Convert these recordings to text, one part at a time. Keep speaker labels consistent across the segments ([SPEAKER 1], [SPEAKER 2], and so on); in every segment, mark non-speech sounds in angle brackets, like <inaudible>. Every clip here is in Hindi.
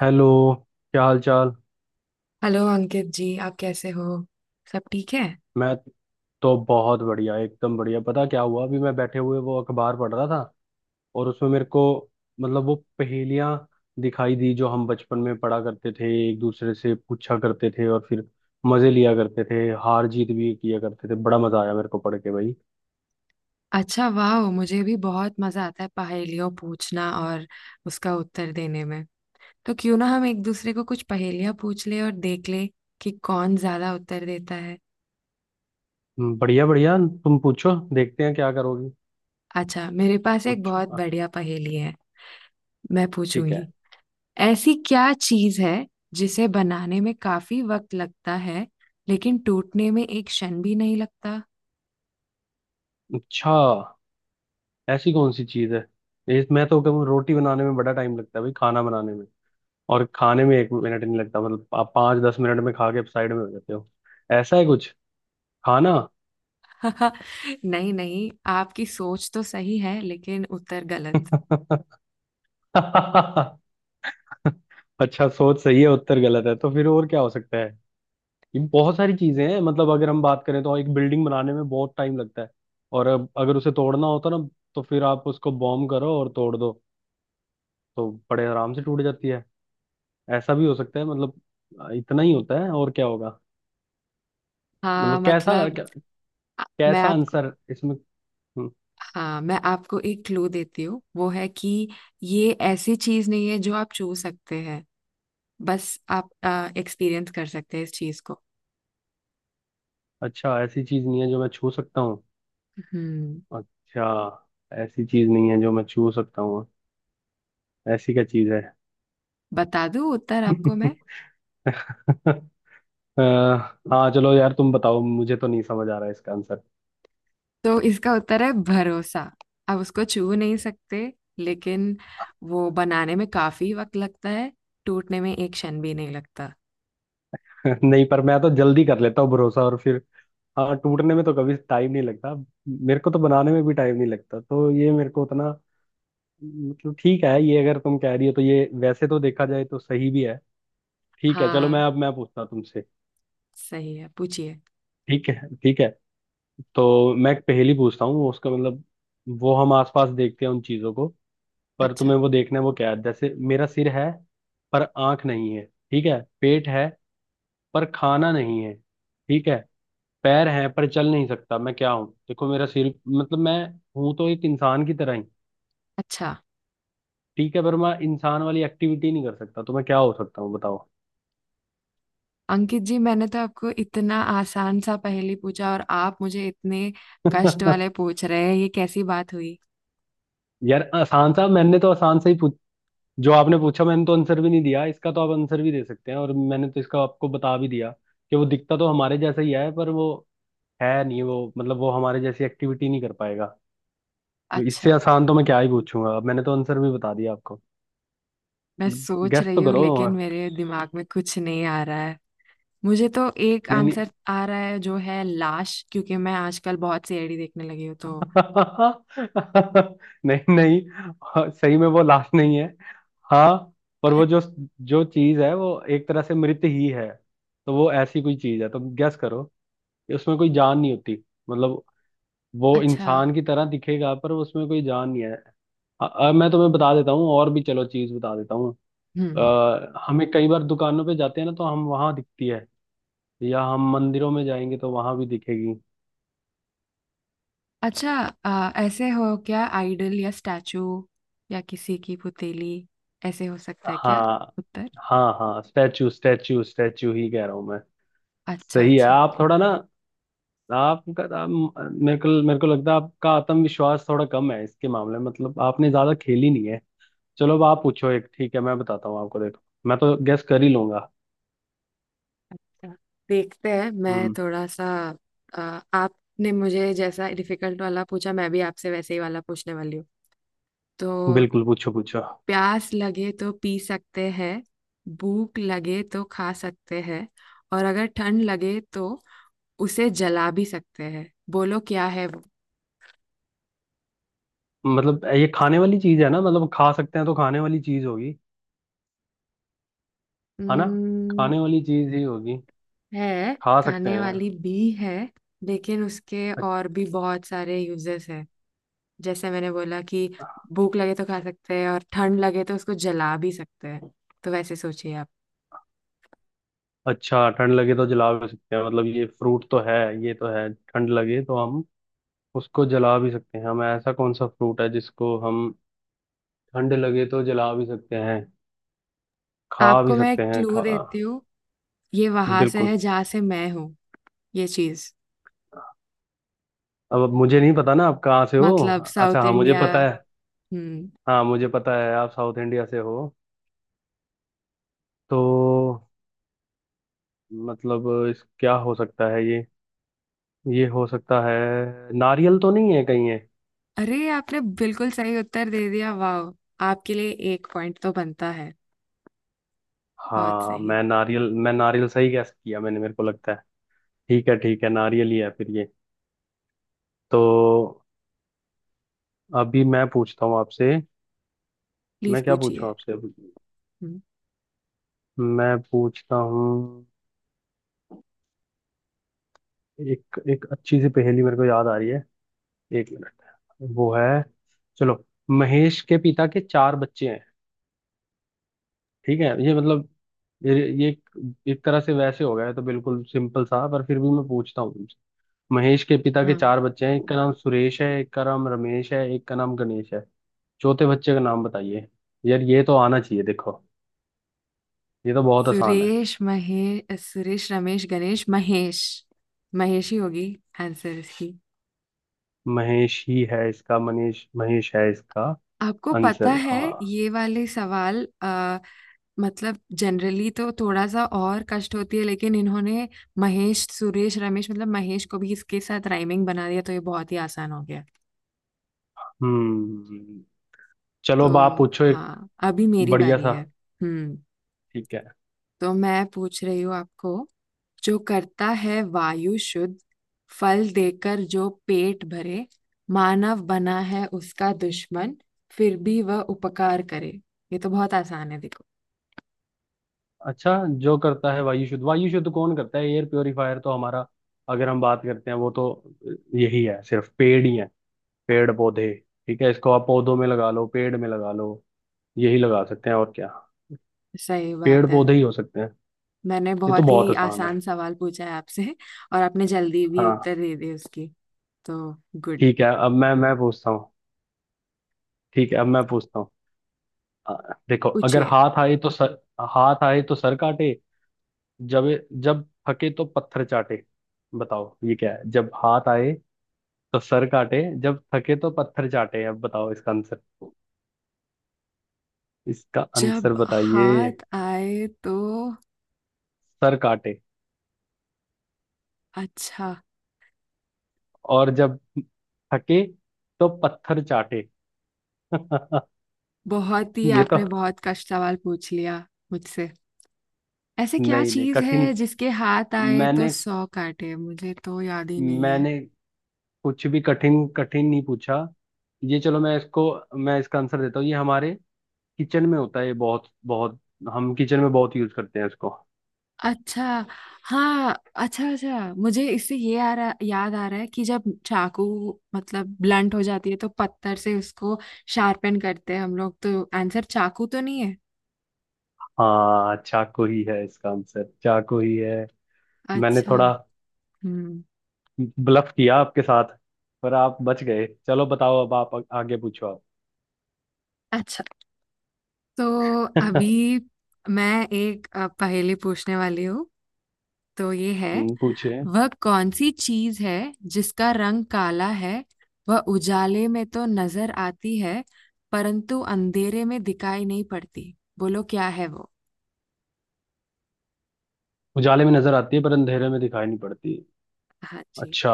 [SPEAKER 1] हेलो। क्या हाल चाल?
[SPEAKER 2] हेलो अंकित जी, आप कैसे हो? सब ठीक है।
[SPEAKER 1] मैं तो बहुत बढ़िया, एकदम बढ़िया। पता क्या हुआ? अभी मैं बैठे हुए वो अखबार पढ़ रहा था, और उसमें मेरे को मतलब वो पहेलियां दिखाई दी, जो हम बचपन में पढ़ा करते थे, एक दूसरे से पूछा करते थे और फिर मजे लिया करते थे, हार जीत भी किया करते थे। बड़ा मजा आया मेरे को पढ़ के भाई।
[SPEAKER 2] अच्छा, वाह! मुझे भी बहुत मजा आता है पहेलियों पूछना और उसका उत्तर देने में। तो क्यों ना हम एक दूसरे को कुछ पहेलियां पूछ ले और देख ले कि कौन ज्यादा उत्तर देता है।
[SPEAKER 1] बढ़िया बढ़िया। तुम पूछो, देखते हैं क्या करोगी।
[SPEAKER 2] अच्छा, मेरे पास एक
[SPEAKER 1] पूछो
[SPEAKER 2] बहुत
[SPEAKER 1] हाँ।
[SPEAKER 2] बढ़िया पहेली है। मैं
[SPEAKER 1] ठीक है।
[SPEAKER 2] पूछूंगी। ऐसी क्या चीज है जिसे बनाने में काफी वक्त लगता है लेकिन टूटने में एक क्षण भी नहीं लगता?
[SPEAKER 1] अच्छा, ऐसी कौन सी चीज है? मैं तो कहूँ रोटी बनाने में बड़ा टाइम लगता है भाई, खाना बनाने में, और खाने में एक मिनट नहीं लगता। मतलब आप 5 10 मिनट में खा के साइड में हो जाते हो। ऐसा है कुछ? खाना?
[SPEAKER 2] <laughs> नहीं नहीं, आपकी सोच तो सही है लेकिन उत्तर गलत।
[SPEAKER 1] <laughs> अच्छा, सोच सही है उत्तर गलत है, तो फिर और क्या हो सकता है? ये बहुत सारी चीजें हैं। मतलब अगर हम बात करें, तो एक बिल्डिंग बनाने में बहुत टाइम लगता है, और अब अगर उसे तोड़ना होता ना, तो फिर आप उसको बॉम्ब करो और तोड़ दो, तो बड़े आराम से टूट जाती है। ऐसा भी हो सकता है मतलब। इतना ही होता है, और क्या होगा?
[SPEAKER 2] हाँ
[SPEAKER 1] मतलब कैसा
[SPEAKER 2] मतलब,
[SPEAKER 1] क्या,
[SPEAKER 2] आ- मैं
[SPEAKER 1] कैसा
[SPEAKER 2] आपको
[SPEAKER 1] आंसर इसमें? हम्म।
[SPEAKER 2] हाँ, मैं आपको एक क्लू देती हूँ। वो है कि ये ऐसी चीज नहीं है जो आप छू सकते हैं। बस आप एक्सपीरियंस कर सकते हैं इस चीज को।
[SPEAKER 1] अच्छा, ऐसी चीज नहीं है जो मैं छू सकता हूँ।
[SPEAKER 2] हम्म।
[SPEAKER 1] अच्छा, ऐसी चीज नहीं है जो मैं छू सकता हूँ। ऐसी क्या चीज है?
[SPEAKER 2] बता दूँ उत्तर आपको मैं?
[SPEAKER 1] <laughs> अ, हाँ चलो यार तुम बताओ, मुझे तो नहीं समझ आ रहा है इसका आंसर।
[SPEAKER 2] तो इसका उत्तर है भरोसा। आप उसको छू नहीं सकते लेकिन वो बनाने में काफी वक्त लगता है, टूटने में एक क्षण भी नहीं लगता।
[SPEAKER 1] <laughs> नहीं, पर मैं तो जल्दी कर लेता हूँ भरोसा, और फिर हाँ, टूटने में तो कभी टाइम नहीं लगता। मेरे को तो बनाने में भी टाइम नहीं लगता, तो ये मेरे को उतना मतलब ठीक है, ये अगर तुम कह रही हो तो ये वैसे तो देखा जाए तो सही भी है। ठीक है चलो,
[SPEAKER 2] हाँ,
[SPEAKER 1] मैं अब मैं पूछता हूँ तुमसे।
[SPEAKER 2] सही है, पूछिए।
[SPEAKER 1] ठीक है, ठीक है। तो मैं एक पहेली पूछता हूँ, उसका मतलब वो हम आसपास देखते हैं उन चीजों को, पर
[SPEAKER 2] अच्छा,
[SPEAKER 1] तुम्हें वो देखना है वो क्या है। जैसे मेरा सिर है पर आंख नहीं है, ठीक है? पेट है पर खाना नहीं है, ठीक है? पैर हैं पर चल नहीं सकता। मैं क्या हूँ? देखो मेरा सिर मतलब मैं हूं तो एक इंसान की तरह ही,
[SPEAKER 2] अच्छा।
[SPEAKER 1] ठीक है? पर मैं इंसान वाली एक्टिविटी नहीं कर सकता। तो मैं क्या हो सकता हूँ बताओ।
[SPEAKER 2] अंकित जी, मैंने तो आपको इतना आसान सा पहेली पूछा और आप मुझे इतने कष्ट वाले
[SPEAKER 1] <laughs>
[SPEAKER 2] पूछ रहे हैं, ये कैसी बात हुई?
[SPEAKER 1] यार आसान सा, मैंने तो आसान सा ही जो आपने पूछा, मैंने तो आंसर भी नहीं दिया इसका, तो आप आंसर भी दे सकते हैं, और मैंने तो इसका आपको बता भी दिया कि वो दिखता तो हमारे जैसा ही है, पर वो है नहीं, वो मतलब वो हमारे जैसी एक्टिविटी नहीं कर पाएगा। तो इससे
[SPEAKER 2] अच्छा,
[SPEAKER 1] आसान तो मैं क्या ही पूछूंगा, अब मैंने तो आंसर भी बता दिया आपको।
[SPEAKER 2] मैं सोच
[SPEAKER 1] गेस
[SPEAKER 2] रही
[SPEAKER 1] तो
[SPEAKER 2] हूँ
[SPEAKER 1] करो।
[SPEAKER 2] लेकिन मेरे दिमाग में कुछ नहीं आ रहा है। मुझे तो एक
[SPEAKER 1] नहीं नहीं,
[SPEAKER 2] आंसर आ रहा है जो है लाश, क्योंकि मैं आजकल बहुत सी एडी देखने लगी हूँ तो।
[SPEAKER 1] <laughs> नहीं नहीं सही में वो लाश नहीं है। हाँ, पर
[SPEAKER 2] अ-
[SPEAKER 1] वो जो जो चीज है वो एक तरह से मृत ही है। तो वो ऐसी कोई चीज है, तो गैस करो कि उसमें कोई जान नहीं होती। मतलब वो
[SPEAKER 2] अच्छा।
[SPEAKER 1] इंसान की तरह दिखेगा पर उसमें कोई जान नहीं है। मैं तुम्हें बता देता हूँ और भी, चलो चीज बता देता हूँ।
[SPEAKER 2] हम्म हम्म।
[SPEAKER 1] हमें कई बार दुकानों पे जाते हैं ना, तो हम वहां दिखती है, या हम मंदिरों में जाएंगे तो वहां भी दिखेगी।
[SPEAKER 2] अच्छा। ऐसे हो क्या, आइडल या स्टैचू या किसी की पुतीली? ऐसे हो सकता है क्या
[SPEAKER 1] हाँ,
[SPEAKER 2] उत्तर?
[SPEAKER 1] हाँ, हाँ स्टैचू, स्टैचू, स्टैचू ही कह रहा हूँ मैं।
[SPEAKER 2] अच्छा,
[SPEAKER 1] सही है,
[SPEAKER 2] अच्छा।
[SPEAKER 1] आप थोड़ा ना आपका आप, मेरे को लगता है आपका आत्मविश्वास थोड़ा कम है इसके मामले में, मतलब आपने ज्यादा खेली नहीं है। चलो अब आप पूछो एक, ठीक है? मैं बताता हूँ आपको, देखो मैं तो गेस कर ही लूंगा।
[SPEAKER 2] अच्छा, देखते हैं। मैं थोड़ा सा अ, आपने मुझे जैसा डिफिकल्ट वाला पूछा, मैं भी आपसे वैसे ही वाला पूछने वाली हूँ। तो
[SPEAKER 1] बिल्कुल पूछो पूछो।
[SPEAKER 2] प्यास लगे तो पी सकते हैं, भूख लगे तो खा सकते हैं, और अगर ठंड लगे तो उसे जला भी सकते हैं। बोलो क्या है वो?
[SPEAKER 1] मतलब ये खाने वाली चीज है ना? मतलब खा सकते हैं तो खाने वाली चीज होगी, है ना?
[SPEAKER 2] हम्म।
[SPEAKER 1] खाने वाली चीज ही होगी,
[SPEAKER 2] है।
[SPEAKER 1] खा सकते
[SPEAKER 2] खाने
[SPEAKER 1] हैं।
[SPEAKER 2] वाली भी है लेकिन उसके
[SPEAKER 1] अ-
[SPEAKER 2] और भी बहुत सारे यूजेस हैं। जैसे मैंने बोला कि भूख लगे तो खा सकते हैं और ठंड लगे तो उसको जला भी सकते हैं। तो वैसे सोचिए आप।
[SPEAKER 1] अच्छा, ठंड लगे तो जला भी सकते हैं, मतलब ये फ्रूट तो है, ये तो है। ठंड लगे तो हम उसको जला भी सकते हैं। हम, ऐसा कौन सा फ्रूट है जिसको हम ठंड लगे तो जला भी सकते हैं, खा भी
[SPEAKER 2] आपको मैं
[SPEAKER 1] सकते हैं,
[SPEAKER 2] क्लू
[SPEAKER 1] खा?
[SPEAKER 2] देती हूँ। ये वहां से
[SPEAKER 1] बिल्कुल।
[SPEAKER 2] है जहाँ से मैं हूँ। ये चीज,
[SPEAKER 1] अब मुझे नहीं पता ना आप कहाँ से हो।
[SPEAKER 2] मतलब
[SPEAKER 1] अच्छा
[SPEAKER 2] साउथ
[SPEAKER 1] हाँ, मुझे
[SPEAKER 2] इंडिया।
[SPEAKER 1] पता है।
[SPEAKER 2] हम्म।
[SPEAKER 1] हाँ, मुझे पता है आप साउथ इंडिया से हो। तो मतलब इस क्या हो सकता है ये हो सकता है नारियल तो नहीं है कहीं ये?
[SPEAKER 2] अरे, आपने बिल्कुल सही उत्तर दे दिया! वाह, आपके लिए एक पॉइंट तो बनता है। बहुत
[SPEAKER 1] हाँ,
[SPEAKER 2] सही।
[SPEAKER 1] मैं नारियल सही गैस किया मैंने, मेरे को लगता है। ठीक है ठीक है, नारियल ही है फिर ये। तो अभी मैं पूछता हूँ आपसे।
[SPEAKER 2] प्लीज
[SPEAKER 1] मैं क्या पूछूं
[SPEAKER 2] पूछिए।
[SPEAKER 1] आपसे अभी?
[SPEAKER 2] हम्म,
[SPEAKER 1] मैं पूछता हूँ, एक एक अच्छी सी पहेली मेरे को याद आ रही है। 1 मिनट, वो है, चलो। महेश के पिता के 4 बच्चे हैं, ठीक है? ये मतलब ये ये एक एक तरह से वैसे हो गया है तो, बिल्कुल सिंपल सा, पर फिर भी मैं पूछता हूँ तुमसे। महेश के पिता के
[SPEAKER 2] हाँ।
[SPEAKER 1] चार बच्चे हैं। एक का नाम सुरेश है, एक का नाम रमेश है, एक का नाम गणेश है। चौथे बच्चे का नाम बताइए। यार ये तो आना चाहिए, देखो ये तो बहुत आसान है।
[SPEAKER 2] सुरेश, महेश, सुरेश, रमेश, गणेश, महेश। महेश ही होगी आंसर इसकी।
[SPEAKER 1] महेश ही है इसका, मनीष महेश है इसका
[SPEAKER 2] आपको पता
[SPEAKER 1] आंसर।
[SPEAKER 2] है
[SPEAKER 1] हाँ।
[SPEAKER 2] ये वाले सवाल मतलब जनरली तो थोड़ा सा और कष्ट होती है लेकिन इन्होंने महेश, सुरेश, रमेश, मतलब महेश को भी इसके साथ राइमिंग बना दिया तो ये बहुत ही आसान हो गया।
[SPEAKER 1] हम्म।
[SPEAKER 2] तो
[SPEAKER 1] चलो अब आप पूछो एक
[SPEAKER 2] हाँ, अभी मेरी
[SPEAKER 1] बढ़िया
[SPEAKER 2] बारी
[SPEAKER 1] सा।
[SPEAKER 2] है। हम्म।
[SPEAKER 1] ठीक है।
[SPEAKER 2] तो मैं पूछ रही हूँ आपको। जो करता है वायु शुद्ध, फल देकर जो पेट भरे, मानव बना है उसका दुश्मन, फिर भी वह उपकार करे। ये तो बहुत आसान है देखो।
[SPEAKER 1] अच्छा, जो करता है वायु शुद्ध, वायु शुद्ध कौन करता है? एयर प्योरीफायर तो हमारा, अगर हम बात करते हैं वो, तो यही है। सिर्फ पेड़ ही है, पेड़ पौधे, ठीक है? इसको आप पौधों में लगा लो, पेड़ में लगा लो, यही लगा सकते हैं और क्या।
[SPEAKER 2] सही
[SPEAKER 1] पेड़
[SPEAKER 2] बात है।
[SPEAKER 1] पौधे ही हो सकते हैं।
[SPEAKER 2] मैंने
[SPEAKER 1] ये तो
[SPEAKER 2] बहुत
[SPEAKER 1] बहुत
[SPEAKER 2] ही
[SPEAKER 1] आसान है।
[SPEAKER 2] आसान सवाल पूछा है आपसे और आपने जल्दी भी
[SPEAKER 1] हाँ।
[SPEAKER 2] उत्तर दे दिए उसकी। तो गुड।
[SPEAKER 1] ठीक है, अब मैं पूछता हूँ। ठीक है अब मैं पूछता हूँ। आ, देखो, अगर
[SPEAKER 2] पूछिए।
[SPEAKER 1] हाथ आए तो सर, हाथ आए तो सर काटे, जब जब थके तो पत्थर चाटे। बताओ ये क्या है? जब हाथ आए तो सर काटे, जब थके तो पत्थर चाटे। अब बताओ इसका आंसर, इसका आंसर
[SPEAKER 2] जब
[SPEAKER 1] बताइए।
[SPEAKER 2] हाथ आए तो
[SPEAKER 1] सर काटे,
[SPEAKER 2] अच्छा।
[SPEAKER 1] और जब थके तो पत्थर चाटे। <laughs>
[SPEAKER 2] बहुत ही
[SPEAKER 1] ये तो
[SPEAKER 2] आपने बहुत कष्ट सवाल पूछ लिया मुझसे। ऐसे क्या
[SPEAKER 1] नहीं नहीं
[SPEAKER 2] चीज
[SPEAKER 1] कठिन,
[SPEAKER 2] है जिसके हाथ आए तो
[SPEAKER 1] मैंने
[SPEAKER 2] सौ काटे? मुझे तो याद ही नहीं है।
[SPEAKER 1] मैंने कुछ भी कठिन कठिन नहीं पूछा। ये चलो मैं इसको, मैं इसका आंसर देता हूँ। ये हमारे किचन में होता है, ये बहुत बहुत, हम किचन में बहुत यूज करते हैं इसको।
[SPEAKER 2] अच्छा। हाँ। अच्छा अच्छा, मुझे इससे ये आ रहा याद आ रहा है कि जब चाकू मतलब ब्लंट हो जाती है तो पत्थर से उसको शार्पन करते हैं हम लोग। तो आंसर चाकू तो नहीं है?
[SPEAKER 1] हाँ चाकू ही है इसका आंसर, चाकू ही है। मैंने
[SPEAKER 2] अच्छा।
[SPEAKER 1] थोड़ा
[SPEAKER 2] हम्म।
[SPEAKER 1] ब्लफ किया आपके साथ, पर आप बच गए। चलो बताओ अब आप आगे पूछो आप।
[SPEAKER 2] अच्छा। तो
[SPEAKER 1] <laughs>
[SPEAKER 2] अभी मैं एक पहेली पूछने वाली हूँ। तो ये है।
[SPEAKER 1] पूछे।
[SPEAKER 2] वह कौन सी चीज है जिसका रंग काला है, वह उजाले में तो नजर आती है परंतु अंधेरे में दिखाई नहीं पड़ती? बोलो क्या है वो?
[SPEAKER 1] उजाले में नजर आती है पर अंधेरे में दिखाई नहीं पड़ती।
[SPEAKER 2] हाँ जी।
[SPEAKER 1] अच्छा।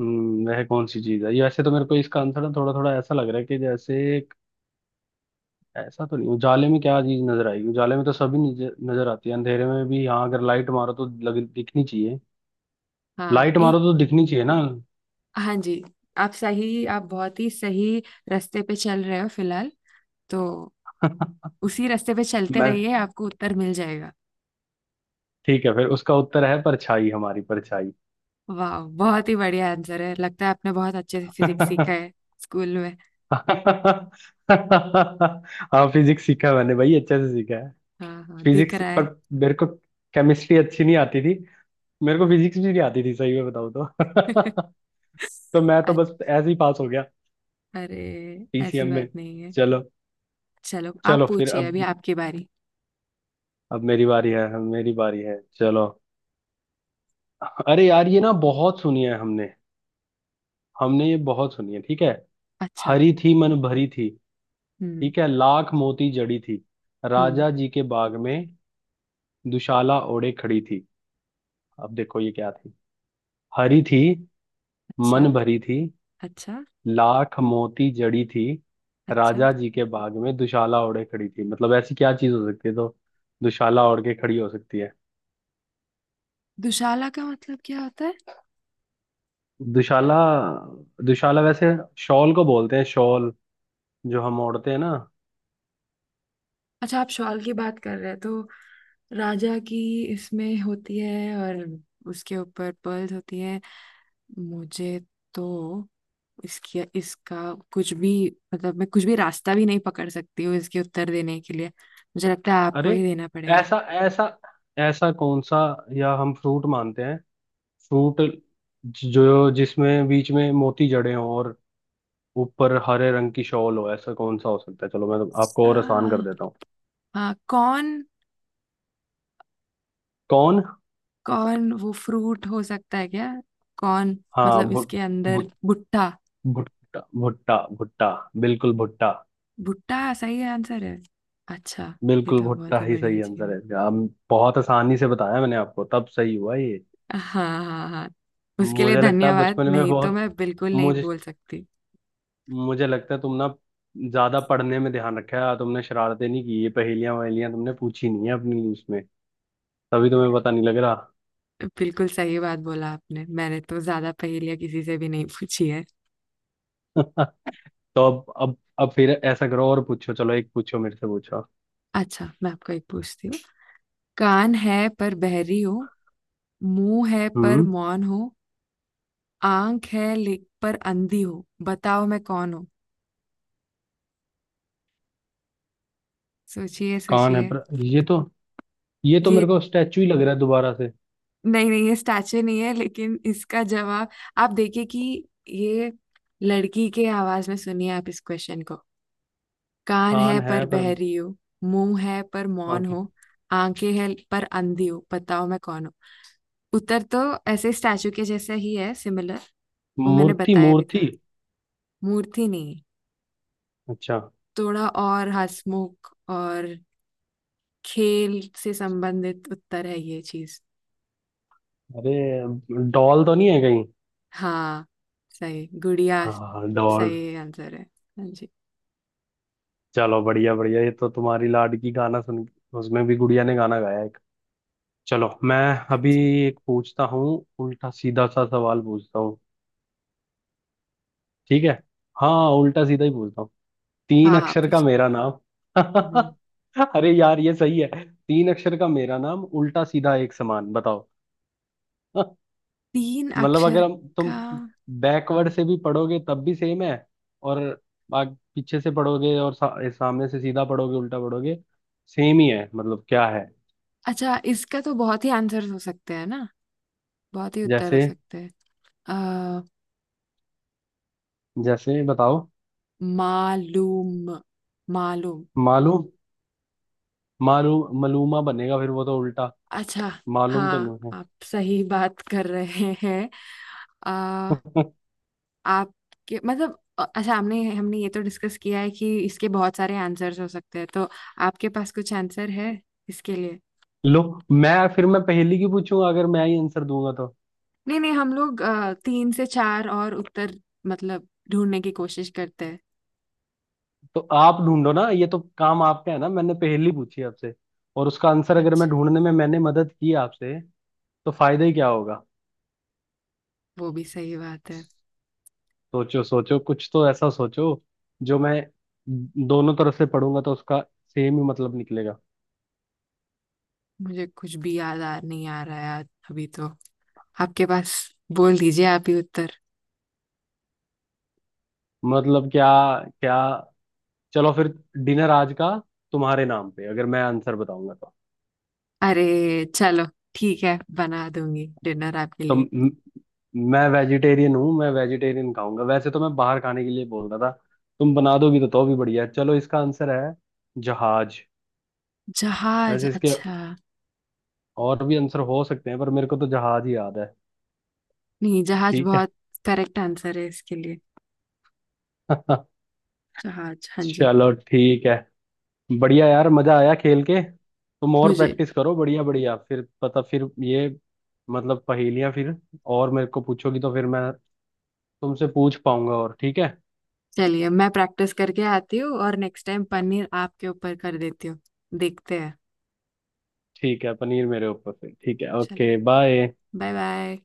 [SPEAKER 1] हम्म, वह कौन सी चीज है? ये वैसे तो मेरे को इसका आंसर ना थोड़ा थोड़ा ऐसा लग रहा है कि जैसे ऐसा तो नहीं। उजाले में क्या चीज नजर आएगी? उजाले में तो सभी नजर नजर आती है, अंधेरे में भी, हाँ अगर लाइट मारो तो लग दिखनी चाहिए।
[SPEAKER 2] हाँ
[SPEAKER 1] लाइट मारो
[SPEAKER 2] एक।
[SPEAKER 1] तो दिखनी चाहिए ना।
[SPEAKER 2] हाँ जी। आप सही, आप बहुत ही सही रास्ते पे चल रहे हो फिलहाल। तो
[SPEAKER 1] <laughs>
[SPEAKER 2] उसी रास्ते पे चलते
[SPEAKER 1] मैं
[SPEAKER 2] रहिए, आपको उत्तर मिल जाएगा।
[SPEAKER 1] ठीक है, फिर उसका उत्तर है परछाई, हमारी परछाई।
[SPEAKER 2] वाह, बहुत ही बढ़िया आंसर है। लगता है आपने बहुत अच्छे से फिजिक्स सीखा
[SPEAKER 1] <laughs>
[SPEAKER 2] है स्कूल में।
[SPEAKER 1] <laughs> हाँ फिजिक्स सीखा है मैंने भाई, अच्छे से सीखा है।
[SPEAKER 2] हाँ हाँ, दिख
[SPEAKER 1] फिजिक्स
[SPEAKER 2] रहा
[SPEAKER 1] पर
[SPEAKER 2] है।
[SPEAKER 1] मेरे को केमिस्ट्री अच्छी नहीं आती थी। मेरे को फिजिक्स भी नहीं आती थी सही में बताऊँ तो।
[SPEAKER 2] <laughs>
[SPEAKER 1] <laughs> तो मैं तो
[SPEAKER 2] अ-
[SPEAKER 1] बस ऐसे ही पास हो गया
[SPEAKER 2] अरे, ऐसी
[SPEAKER 1] पीसीएम में।
[SPEAKER 2] बात नहीं है।
[SPEAKER 1] चलो।
[SPEAKER 2] चलो आप
[SPEAKER 1] चलो फिर
[SPEAKER 2] पूछिए, अभी
[SPEAKER 1] अब,
[SPEAKER 2] आपकी बारी।
[SPEAKER 1] अब मेरी बारी है चलो। अरे यार ये ना बहुत सुनी है हमने, हमने ये बहुत सुनी है, ठीक है?
[SPEAKER 2] अच्छा।
[SPEAKER 1] हरी थी मन भरी थी,
[SPEAKER 2] हम्म।
[SPEAKER 1] ठीक है, लाख मोती जड़ी थी,
[SPEAKER 2] हम्म।
[SPEAKER 1] राजा जी के बाग में दुशाला ओढ़े खड़ी थी। अब देखो ये क्या थी। हरी थी,
[SPEAKER 2] अच्छा।
[SPEAKER 1] मन भरी थी,
[SPEAKER 2] अच्छा।
[SPEAKER 1] लाख मोती जड़ी थी,
[SPEAKER 2] अच्छा।
[SPEAKER 1] राजा जी के बाग में दुशाला ओढ़े खड़ी थी। मतलब ऐसी क्या चीज हो सकती है तो, दुशाला ओढ़ के खड़ी हो सकती है।
[SPEAKER 2] दुशाला का मतलब क्या होता है?
[SPEAKER 1] दुशाला, दुशाला वैसे शॉल को बोलते हैं, शॉल जो हम ओढ़ते हैं ना।
[SPEAKER 2] अच्छा, आप शॉल की बात कर रहे हैं तो राजा की इसमें होती है और उसके ऊपर पर्ल्स होती है। मुझे तो इसकी, इसका कुछ भी मतलब, मैं कुछ भी रास्ता भी नहीं पकड़ सकती हूँ इसके उत्तर देने के लिए। मुझे लगता है आपको
[SPEAKER 1] अरे,
[SPEAKER 2] ही देना पड़ेगा।
[SPEAKER 1] ऐसा ऐसा ऐसा कौन सा, या हम फ्रूट मानते हैं, फ्रूट जो जिसमें बीच में मोती जड़े हों और ऊपर हरे रंग की शॉल हो, ऐसा कौन सा हो सकता है? चलो मैं तो आपको और आसान कर
[SPEAKER 2] आ,
[SPEAKER 1] देता हूँ।
[SPEAKER 2] हाँ कौन?
[SPEAKER 1] कौन।
[SPEAKER 2] कौन वो फ्रूट हो सकता है क्या? कौन?
[SPEAKER 1] हाँ,
[SPEAKER 2] मतलब
[SPEAKER 1] भुट
[SPEAKER 2] इसके अंदर
[SPEAKER 1] भुट
[SPEAKER 2] भुट्टा?
[SPEAKER 1] भुट्टा, भुट्टा, भुट्टा, बिल्कुल भुट्टा।
[SPEAKER 2] भुट्टा सही आंसर है। अच्छा, ये
[SPEAKER 1] बिल्कुल
[SPEAKER 2] तो बहुत
[SPEAKER 1] भुट्टा
[SPEAKER 2] ही
[SPEAKER 1] ही
[SPEAKER 2] बढ़िया
[SPEAKER 1] सही
[SPEAKER 2] चीज
[SPEAKER 1] आंसर
[SPEAKER 2] है।
[SPEAKER 1] है इसका। हम बहुत आसानी से बताया मैंने आपको, तब सही हुआ ये।
[SPEAKER 2] हाँ हाँ हाँ, उसके लिए
[SPEAKER 1] मुझे लगता है
[SPEAKER 2] धन्यवाद,
[SPEAKER 1] बचपन में
[SPEAKER 2] नहीं तो
[SPEAKER 1] बहुत,
[SPEAKER 2] मैं बिल्कुल नहीं
[SPEAKER 1] मुझे
[SPEAKER 2] बोल सकती।
[SPEAKER 1] मुझे लगता है तुम ना ज्यादा पढ़ने में ध्यान रखा है तुमने, शरारतें नहीं की। ये पहेलियां वहेलियां तुमने पूछी नहीं है अपनी उसमें, तभी तुम्हें पता नहीं लग रहा।
[SPEAKER 2] बिल्कुल सही बात बोला आपने, मैंने तो ज्यादा पहेलियां किसी से भी नहीं पूछी है।
[SPEAKER 1] <laughs> तो अब फिर ऐसा करो और पूछो, चलो एक पूछो, मेरे से पूछो।
[SPEAKER 2] अच्छा, मैं आपको एक पूछती हूँ। कान है पर बहरी हो, मुंह है पर
[SPEAKER 1] हम्म।
[SPEAKER 2] मौन हो, आंख है ले पर अंधी हो, बताओ मैं कौन हूँ? सोचिए
[SPEAKER 1] कान है
[SPEAKER 2] सोचिए।
[SPEAKER 1] पर, ये तो
[SPEAKER 2] ये
[SPEAKER 1] मेरे को स्टैचू ही लग रहा है दोबारा से।
[SPEAKER 2] नहीं नहीं, ये स्टैचू नहीं है, लेकिन इसका जवाब आप देखिए कि ये लड़की के आवाज में सुनिए आप इस क्वेश्चन को। कान है
[SPEAKER 1] कान
[SPEAKER 2] पर
[SPEAKER 1] है पर,
[SPEAKER 2] बहरी हो, मुंह है पर मौन
[SPEAKER 1] ओके।
[SPEAKER 2] हो, आंखें हैं पर अंधी हो, बताओ मैं कौन हूँ? उत्तर तो ऐसे स्टैचू के जैसा ही है, सिमिलर। वो मैंने
[SPEAKER 1] मूर्ति,
[SPEAKER 2] बताया भी
[SPEAKER 1] मूर्ति।
[SPEAKER 2] था। मूर्ति नहीं,
[SPEAKER 1] अच्छा,
[SPEAKER 2] थोड़ा और हंसमुख और खेल से संबंधित उत्तर है ये चीज।
[SPEAKER 1] अरे डॉल तो नहीं है कहीं?
[SPEAKER 2] हाँ, सही! गुड़िया
[SPEAKER 1] हाँ डॉल।
[SPEAKER 2] सही आंसर है। हाँ जी।
[SPEAKER 1] चलो बढ़िया बढ़िया, ये तो तुम्हारी लाडकी गाना सुन, उसमें भी गुड़िया ने गाना गाया एक। चलो मैं अभी
[SPEAKER 2] अच्छा।
[SPEAKER 1] एक पूछता हूँ, उल्टा सीधा सा सवाल पूछता हूँ, ठीक है? हाँ उल्टा सीधा ही पूछता हूँ।
[SPEAKER 2] हाँ
[SPEAKER 1] तीन
[SPEAKER 2] हाँ
[SPEAKER 1] अक्षर का
[SPEAKER 2] पूछिए।
[SPEAKER 1] मेरा नाम।
[SPEAKER 2] हम्म,
[SPEAKER 1] <laughs> अरे यार ये सही है। तीन अक्षर का मेरा नाम, उल्टा सीधा एक समान, बताओ। <laughs>
[SPEAKER 2] तीन
[SPEAKER 1] मतलब
[SPEAKER 2] अक्षर
[SPEAKER 1] अगर हम तुम
[SPEAKER 2] का।
[SPEAKER 1] बैकवर्ड
[SPEAKER 2] हम्म,
[SPEAKER 1] से भी पढ़ोगे तब भी सेम है। और आग, पीछे से पढ़ोगे और सा, सामने से सीधा पढ़ोगे उल्टा पढ़ोगे सेम ही है। मतलब क्या है?
[SPEAKER 2] अच्छा, इसका तो बहुत ही आंसर्स हो सकते हैं ना, बहुत ही उत्तर
[SPEAKER 1] जैसे
[SPEAKER 2] हो सकते हैं। अ,
[SPEAKER 1] जैसे बताओ।
[SPEAKER 2] मालूम, मालूम।
[SPEAKER 1] मालूम, मालूम, मालूमा बनेगा, फिर वो तो उल्टा
[SPEAKER 2] अच्छा।
[SPEAKER 1] मालूम तो
[SPEAKER 2] हाँ
[SPEAKER 1] नहीं
[SPEAKER 2] आप सही <laughs> बात कर रहे हैं। अ,
[SPEAKER 1] है। <laughs>
[SPEAKER 2] आपके मतलब, अच्छा, हमने हमने ये तो डिस्कस किया है कि इसके बहुत सारे आंसर्स हो सकते हैं। तो आपके पास कुछ आंसर है इसके लिए?
[SPEAKER 1] लो, मैं फिर मैं पहेली की पूछूंगा अगर मैं ही आंसर दूंगा तो।
[SPEAKER 2] नहीं नहीं, हम लोग तीन से चार और उत्तर मतलब ढूंढने की कोशिश करते हैं।
[SPEAKER 1] तो आप ढूंढो ना, ये तो काम आपका है ना। मैंने पहेली पूछी आपसे, और उसका आंसर अगर
[SPEAKER 2] अच्छा,
[SPEAKER 1] मैं ढूंढने में मैंने मदद की आपसे, तो फायदा ही क्या होगा?
[SPEAKER 2] वो भी सही बात है।
[SPEAKER 1] सोचो सोचो, कुछ तो ऐसा सोचो जो मैं दोनों तरफ से पढ़ूंगा तो उसका सेम ही मतलब निकलेगा।
[SPEAKER 2] मुझे कुछ भी याद आ नहीं आ रहा है अभी तो। आपके पास? बोल दीजिए आप ही उत्तर।
[SPEAKER 1] मतलब क्या क्या? चलो फिर, डिनर आज का तुम्हारे नाम पे अगर मैं आंसर बताऊंगा तो।
[SPEAKER 2] अरे चलो, ठीक है, बना दूंगी डिनर आपके
[SPEAKER 1] तो
[SPEAKER 2] लिए।
[SPEAKER 1] मैं वेजिटेरियन हूँ, मैं वेजिटेरियन खाऊंगा, वैसे तो मैं बाहर खाने के लिए बोल रहा था। तुम बना दोगी तो भी बढ़िया है। चलो इसका आंसर है, जहाज।
[SPEAKER 2] जहाज?
[SPEAKER 1] वैसे इसके
[SPEAKER 2] अच्छा।
[SPEAKER 1] और भी आंसर हो सकते हैं, पर मेरे को तो जहाज ही याद है।
[SPEAKER 2] नहीं, जहाज
[SPEAKER 1] ठीक है।
[SPEAKER 2] बहुत करेक्ट आंसर है इसके लिए।
[SPEAKER 1] <laughs>
[SPEAKER 2] जहाज, हाँ जी।
[SPEAKER 1] चलो ठीक है, बढ़िया यार, मजा आया खेल के। तुम और
[SPEAKER 2] मुझे,
[SPEAKER 1] प्रैक्टिस करो बढ़िया, बढ़िया फिर पता, फिर ये मतलब पहेलियां फिर और मेरे को पूछोगी, तो फिर मैं तुमसे पूछ पाऊंगा। और ठीक है,
[SPEAKER 2] चलिए मैं प्रैक्टिस करके आती हूँ और नेक्स्ट टाइम पनीर आपके ऊपर कर देती हूँ। देखते हैं।
[SPEAKER 1] ठीक है पनीर मेरे ऊपर फिर। ठीक है,
[SPEAKER 2] चलो।
[SPEAKER 1] Okay bye.
[SPEAKER 2] Bye bye.